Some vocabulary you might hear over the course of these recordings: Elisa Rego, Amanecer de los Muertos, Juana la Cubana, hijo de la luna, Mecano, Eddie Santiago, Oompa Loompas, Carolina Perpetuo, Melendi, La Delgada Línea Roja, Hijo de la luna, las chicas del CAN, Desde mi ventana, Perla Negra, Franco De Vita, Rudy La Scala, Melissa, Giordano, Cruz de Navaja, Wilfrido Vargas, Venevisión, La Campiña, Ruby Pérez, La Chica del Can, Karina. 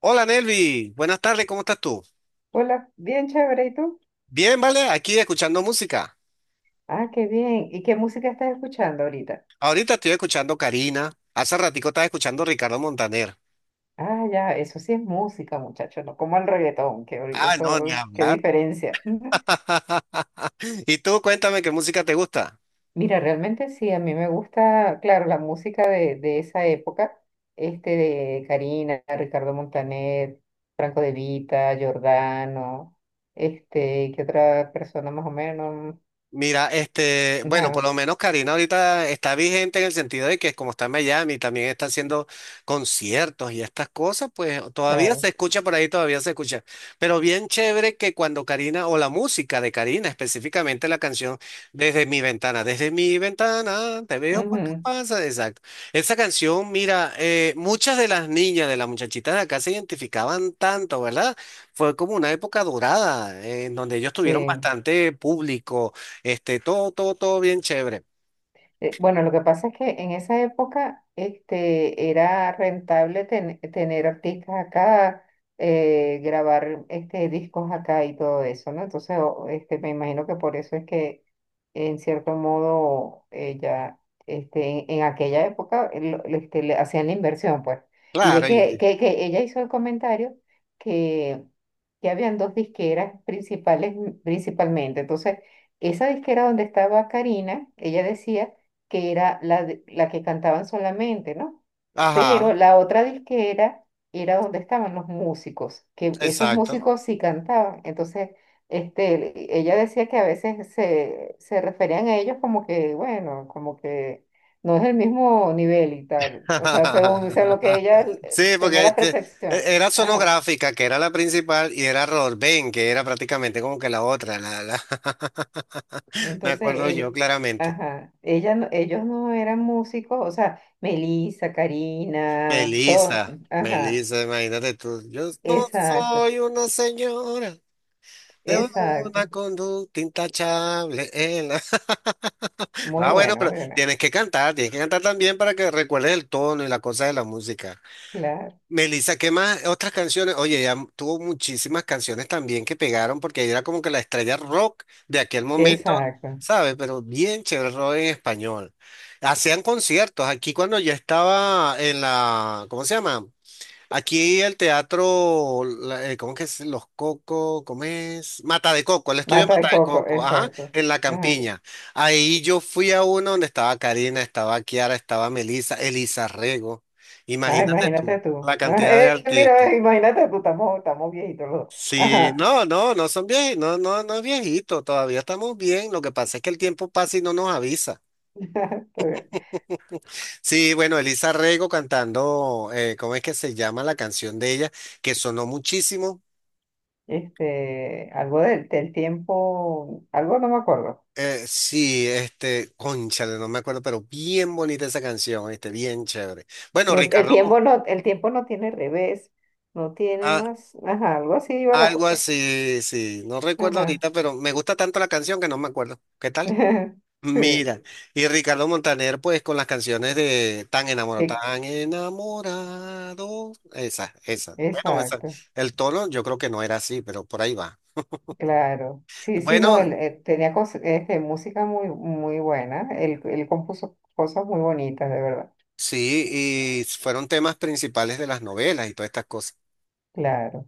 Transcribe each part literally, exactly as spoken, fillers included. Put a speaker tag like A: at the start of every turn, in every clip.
A: Hola Nelvi, buenas tardes, ¿cómo estás tú?
B: Hola, bien chévere, ¿y tú?
A: Bien, vale, aquí escuchando música.
B: Ah, qué bien. ¿Y qué música estás escuchando ahorita?
A: Ahorita estoy escuchando Karina, hace ratico estaba escuchando Ricardo Montaner.
B: Ah, ya, eso sí es música, muchachos, no como el reggaetón, que hoy-
A: Ah, no, ni
B: eso, qué
A: hablar.
B: diferencia.
A: ¿Y tú cuéntame qué música te gusta?
B: Mira, realmente sí, a mí me gusta, claro, la música de, de esa época, este de Karina, Ricardo Montaner, Franco De Vita, Giordano, este, ¿qué otra persona más o menos?
A: Mira, este, bueno, por
B: Ajá,
A: lo menos Karina ahorita está vigente en el sentido de que como está en Miami, también está haciendo conciertos y estas cosas, pues todavía se
B: claro.
A: escucha por ahí, todavía se escucha. Pero bien chévere que cuando Karina, o la música de Karina, específicamente la canción Desde mi ventana, desde mi ventana, te veo cuando
B: Ujú,
A: pasa, exacto. Esa canción, mira, eh, muchas de las niñas, de las muchachitas de acá se identificaban tanto, ¿verdad? Fue como una época dorada, eh, en donde ellos tuvieron
B: sí.
A: bastante público este, todo, todo, todo bien chévere.
B: Eh, Bueno, lo que pasa es que en esa época este, era rentable ten- tener artistas acá, eh, grabar este, discos acá y todo eso, ¿no? Entonces, o- este, me imagino que por eso es que, en cierto modo, eh, ya este, en, en aquella época eh, lo- lo- este, le hacían la inversión, pues. Y ve
A: Claro,
B: que,
A: y-
B: que, que ella hizo el comentario que, que habían dos disqueras principales, principalmente. Entonces, esa disquera donde estaba Karina, ella decía que era la, de- la que cantaban solamente, ¿no? Pero
A: ajá,
B: la otra disquera era donde estaban los músicos, que esos
A: exacto.
B: músicos sí cantaban. Entonces, este, ella decía que a veces se, se referían a ellos como que, bueno, como que no es el mismo nivel y tal. O sea, según, según lo que ella eh,
A: Sí,
B: tenía
A: porque
B: la
A: este,
B: percepción.
A: e- era
B: Ajá.
A: sonográfica, que era la principal, y era Rorben, que era prácticamente como que la otra. La, la...
B: Y
A: Me
B: Entonces,
A: acuerdo
B: ellos,
A: yo claramente.
B: ajá, ella, no- ellos no eran músicos, o sea, Melissa, Karina, todos,
A: Melissa,
B: ajá.
A: Melissa, imagínate tú. Yo no
B: Exacto,
A: soy una señora de una
B: exacto.
A: conducta intachable. En la-
B: Muy
A: Ah, bueno,
B: bueno,
A: pero
B: muy bueno.
A: tienes que cantar, tienes que cantar también para que recuerdes el tono y la cosa de la música.
B: Claro,
A: Melissa, ¿qué más? Otras canciones. Oye, ella tuvo muchísimas canciones también que pegaron porque ella era como que la estrella rock de aquel momento,
B: exacto.
A: ¿sabes? Pero bien chévere el rock en español. Hacían conciertos. Aquí cuando ya estaba en la, ¿cómo se llama? Aquí el teatro, la- eh, ¿cómo que es? Los Cocos, ¿cómo es? Mata de Coco, el estudio de
B: Mata
A: Mata
B: de
A: de
B: coco,
A: Coco, ajá,
B: exacto.
A: en La
B: Ajá.
A: Campiña. Ahí yo fui a uno donde estaba Karina, estaba Kiara, estaba Melissa, Elisa Rego.
B: Ah,
A: Imagínate
B: imagínate
A: tú,
B: tú.
A: la cantidad de
B: eh,
A: artistas.
B: mira, eh, imagínate tú, estamos, estamos viejitos los dos.
A: Sí,
B: Ajá.
A: no, no, no son viejitos, no, no, no es viejito, todavía estamos bien. Lo que pasa es que el tiempo pasa y no nos avisa.
B: Está bien.
A: Sí, bueno, Elisa Rego cantando, eh, ¿cómo es que se llama la canción de ella? Que sonó muchísimo.
B: Este, algo del, del tiempo, algo no me acuerdo.
A: Eh, sí, este, cónchale, no me acuerdo, pero bien bonita esa canción, este, bien chévere. Bueno,
B: No, el
A: Ricardo,
B: tiempo no, el tiempo no tiene revés, no tiene
A: ah,
B: más. Ajá, algo así iba la
A: algo
B: cosa.
A: así, sí, no recuerdo
B: Ajá.
A: ahorita, pero me gusta tanto la canción que no me acuerdo. ¿Qué tal?
B: Sí,
A: Mira, y Ricardo Montaner, pues con las canciones de Tan enamorado,
B: que-
A: tan enamorado, esa, esa. Bueno, esa,
B: exacto.
A: el tono yo creo que no era así, pero por ahí va.
B: Claro, sí, sí, no,
A: Bueno,
B: él, eh, tenía cos- este, música muy, muy buena, él, él compuso cosas muy bonitas, de verdad,
A: sí, y fueron temas principales de las novelas y todas estas cosas.
B: claro.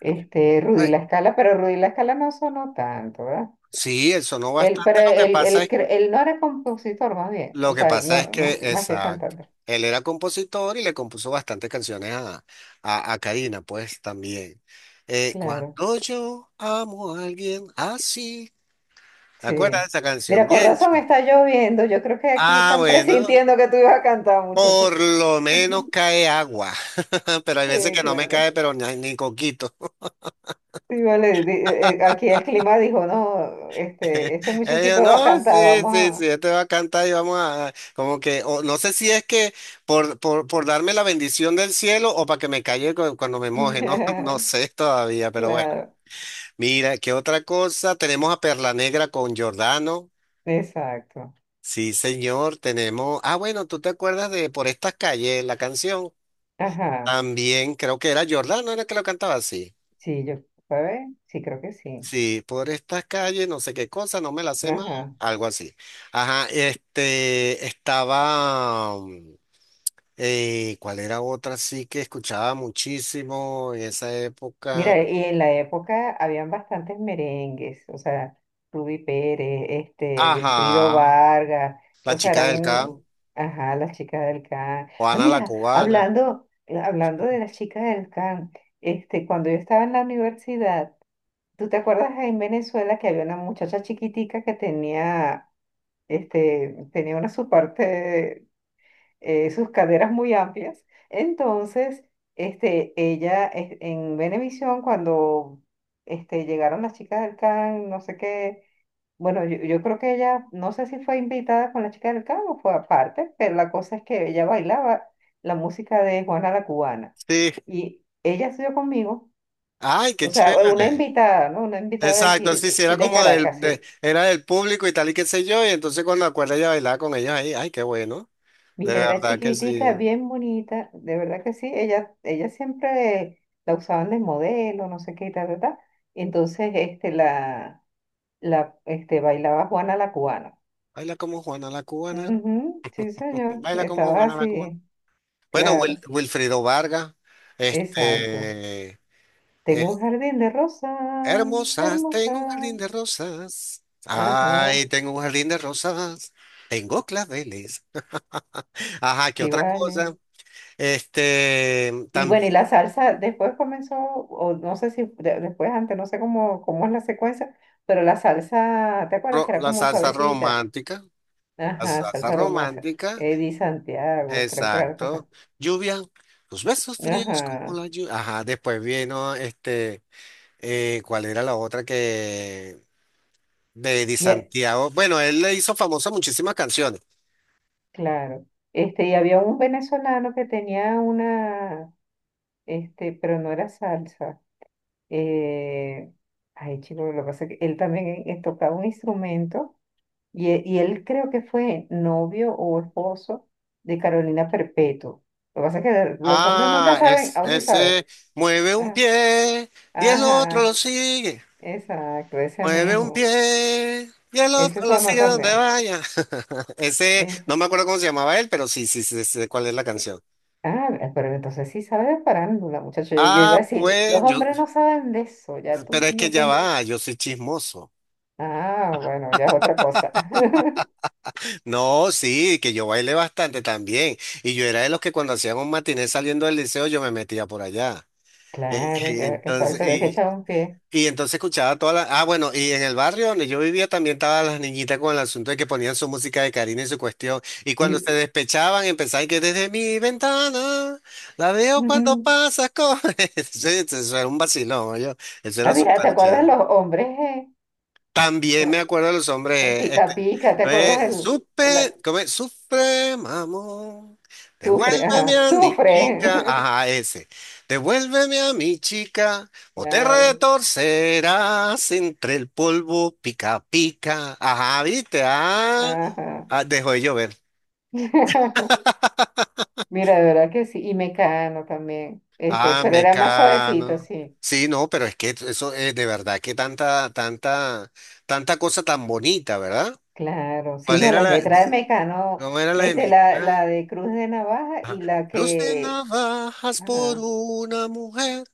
B: Este, Rudy La Scala, pero Rudy La Scala no sonó tanto, ¿verdad?
A: Sí, él sonó
B: Él, pero
A: bastante. Lo que
B: él,
A: pasa
B: él,
A: es,
B: cre- él no era compositor, más bien,
A: lo
B: o
A: que
B: sea, él
A: pasa es
B: no,
A: que,
B: más, que- más que
A: exacto,
B: cantante,
A: él era compositor y le compuso bastantes canciones a, a, a Karina, pues también. Eh,
B: claro,
A: cuando yo amo a alguien así, ¿te acuerdas de
B: sí.
A: esa canción?
B: Mira, con
A: Bien.
B: razón
A: Chamo.
B: está lloviendo, yo creo que aquí
A: Ah,
B: están
A: bueno,
B: presintiendo que tú ibas a cantar, muchacho.
A: por lo menos cae agua, pero hay veces
B: Sí,
A: que no me
B: claro.
A: cae, pero ni, ni coquito.
B: Sí, vale, di- eh, eh, aquí el clima dijo, no, este, este
A: Ellos,
B: muchachito va a
A: no,
B: cantar,
A: sí,
B: vamos
A: sí, sí,
B: a...
A: este va a cantar y vamos a, como que, o no sé si es que por, por, por darme la bendición del cielo o para que me calle cu- cuando me moje, no, no sé todavía, pero bueno.
B: Claro,
A: Mira, ¿qué otra cosa? Tenemos a Perla Negra con Giordano.
B: exacto.
A: Sí, señor, tenemos, ah, bueno, ¿tú te acuerdas de Por estas calles, la canción?
B: Ajá,
A: También creo que era Giordano, era que lo cantaba así.
B: sí, yo, a ver, sí, creo que sí.
A: Sí, por estas calles, no sé qué cosa, no me la sé más,
B: Ajá.
A: algo así. Ajá, este, estaba, mm, eh, ¿cuál era otra sí que escuchaba muchísimo en esa época?
B: Mira, y en la época habían bastantes merengues, o sea, Ruby Pérez, este, Wilfrido
A: Ajá,
B: Vargas,
A: La
B: o sea,
A: Chica del
B: eran,
A: Can,
B: ajá, las chicas del can. Ah,
A: Juana la
B: mira,
A: Cubana.
B: hablando, eh, hablando de las chicas del can, este, cuando yo estaba en la universidad, ¿Tú te acuerdas en Venezuela que había una muchacha chiquitica que tenía, este, tenía una su parte, eh, sus caderas muy amplias? Entonces, este, ella es- en Venevisión, cuando este, llegaron las chicas del CAN, no sé qué, bueno, yo, yo creo que ella, no sé si fue invitada con las chicas del CAN o fue aparte, pero la cosa es que ella bailaba la música de Juana la Cubana.
A: Sí,
B: Y ella estudió conmigo.
A: ay,
B: O
A: qué
B: sea, una
A: chévere.
B: invitada, ¿no? Una invitada de aquí,
A: Exacto, sí, sí,
B: de
A: era
B: de
A: como
B: Caracas,
A: del, de-
B: sí.
A: era del público y tal y qué sé yo, y entonces cuando acuerda ella bailaba con ellos ahí, ay, qué bueno, de
B: Mira, era
A: verdad que
B: chiquitica,
A: sí.
B: bien bonita, de verdad que sí. Ella, ella siempre la usaban de modelo, no sé qué, tal, tal, tal. Entonces, este, la, la, este, bailaba Juana la cubana.
A: Baila como Juana la Cubana,
B: Ujú, sí, señor.
A: baila como
B: Estaba
A: Juana la Cubana.
B: así,
A: Bueno, Wil-
B: claro,
A: Wilfrido Vargas,
B: exacto.
A: este, eh,
B: Tengo un jardín de rosas
A: hermosas, tengo un jardín
B: hermosas.
A: de rosas.
B: Ajá,
A: Ay, tengo un jardín de rosas. Tengo claveles. Ajá, ¿qué
B: sí,
A: otra
B: vale.
A: cosa? Este,
B: Y
A: también
B: bueno, y la salsa después comenzó, o no sé si de- después, antes, no sé cómo, cómo es la secuencia, pero la salsa, ¿te acuerdas que era
A: la
B: como
A: salsa
B: suavecita?
A: romántica. La
B: Ajá,
A: salsa
B: salsa aromasa.
A: romántica,
B: Eddie Santiago, creo que era la cosa.
A: exacto. Lluvia, tus besos fríos como
B: Ajá,
A: la lluvia. Ajá, después vino este, eh, ¿cuál era la otra que de Di
B: y, e-
A: Santiago? Bueno, él le hizo famosa muchísimas canciones.
B: claro. Este, y había un venezolano que tenía una, este, pero no era salsa. Eh, ay, chico, lo que pasa es que él también eh, tocaba un instrumento Y, e- y él creo que fue novio o esposo de Carolina Perpetuo. Lo que pasa es que los hombres nunca
A: Ah,
B: saben,
A: es,
B: o sí saben.
A: ese mueve un
B: Ah,
A: pie y el otro lo
B: ajá,
A: sigue.
B: exacto, ese
A: Mueve un
B: mismo.
A: pie y el
B: Ese
A: otro lo
B: sonó
A: sigue donde
B: también.
A: vaya. Ese,
B: Ese.
A: no me acuerdo cómo se llamaba él, pero sí, sí, sí, sé cuál es la canción.
B: Ah, mira, pero entonces sí sabe de farándula, muchacho. Yo, yo iba
A: Ah,
B: a decir, los
A: pues yo,
B: hombres no saben de eso, ya
A: pero
B: tú
A: es que
B: no
A: ya
B: tú-
A: va, yo soy chismoso.
B: Ah, bueno, ya es otra cosa.
A: No, sí, que yo bailé bastante también. Y yo era de los que cuando hacían un matiné saliendo del liceo, yo me metía por allá. Eh,
B: Claro,
A: eh,
B: que, que sabe
A: entonces,
B: que hay que
A: y,
B: echar un pie.
A: Y entonces escuchaba todas las... Ah, bueno, y en el barrio donde yo vivía también estaban las niñitas con el asunto de que ponían su música de Karina y su cuestión. Y cuando se
B: Y,
A: despechaban empezaban que desde mi ventana la veo cuando pasas con... Eso, eso era un vacilón, yo. Eso
B: ah,
A: era
B: mira,
A: súper
B: ¿te acuerdas los
A: chévere.
B: hombres?
A: También
B: ¿eh?
A: me acuerdo de los
B: El
A: hombres,
B: pica
A: este,
B: pica, ¿te acuerdas?
A: eh,
B: El, el a-
A: supe, ¿cómo es? Sufre, mamón,
B: sufre,
A: devuélveme
B: ajá,
A: a mi
B: sufre.
A: chica, ajá, ese, devuélveme a mi chica, o te
B: Claro,
A: retorcerás entre el polvo pica pica, ajá, viste, ah,
B: ajá.
A: ah, dejó de llover,
B: Mira, de verdad que sí, y Mecano también, este,
A: ah,
B: pero era más suavecito,
A: mecano,
B: sí.
A: sí, no, pero es que eso es de verdad, que tanta, tanta, tanta cosa tan bonita, ¿verdad?
B: Claro, sí,
A: ¿Cuál
B: no,
A: era
B: las
A: la,
B: letras
A: de-
B: de Mecano,
A: cómo era la de
B: este, la,
A: mecano?
B: la de Cruz de Navaja
A: Ajá.
B: y la
A: Cruz de
B: que,
A: navajas por
B: ajá,
A: una mujer.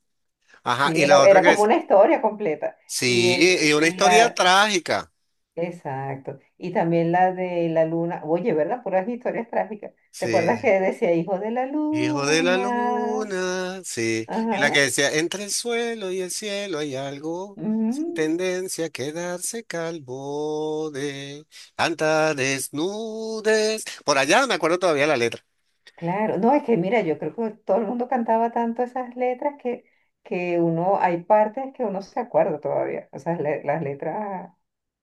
A: Ajá,
B: sí,
A: y
B: era,
A: la otra
B: era
A: que
B: como
A: es.
B: una historia completa. Y,
A: Sí,
B: el,
A: y
B: y,
A: una
B: y
A: historia
B: la,
A: trágica.
B: Exacto. Y también la de la luna. Oye, ¿verdad? Puras historias trágicas. ¿Te
A: Sí.
B: acuerdas que decía hijo de la
A: Hijo de la
B: luna?
A: luna. Sí. Y la que
B: Ajá.
A: decía, entre el suelo y el cielo hay algo. Sin
B: Ujú.
A: tendencia a quedarse calvo de tanta desnudez. Por allá me acuerdo todavía la letra.
B: Claro. No, es que mira, yo creo que todo el mundo cantaba tanto esas letras que, que uno, hay partes que uno se acuerda todavía. O sea, le- las letras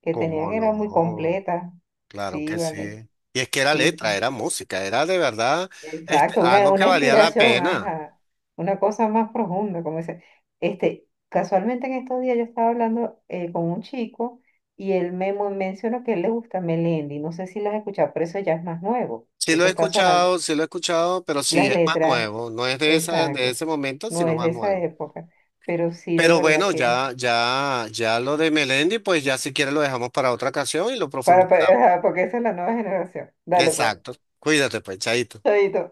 B: que
A: ¿Cómo
B: tenían eran muy
A: no?
B: completas.
A: Claro
B: Sí,
A: que
B: vale.
A: sí. Y es que era
B: Sí,
A: letra,
B: sí.
A: era música, era de verdad este,
B: Exacto, una,
A: algo que
B: una
A: valía la
B: inspiración,
A: pena.
B: ajá, una cosa más profunda, como dice. Este, casualmente en estos días yo estaba hablando eh, con un chico y él me mo- mencionó que a él le gusta Melendi, no sé si las has escuchado, pero eso ya es más nuevo,
A: Sí lo
B: eso
A: he
B: está sonando,
A: escuchado, sí lo he escuchado, pero sí
B: las
A: es más
B: letras,
A: nuevo, no es de esa, de
B: exacto,
A: ese momento,
B: no
A: sino
B: es
A: más
B: de esa
A: nuevo.
B: época, pero sí de
A: Pero
B: verdad
A: bueno,
B: que,
A: ya, ya, ya lo de Melendi, pues ya si quieres lo dejamos para otra ocasión y lo
B: para, para-
A: profundizamos.
B: ajá, porque esa es la nueva generación. Dale pues,
A: Exacto. Cuídate, pues, chaito.
B: chaito.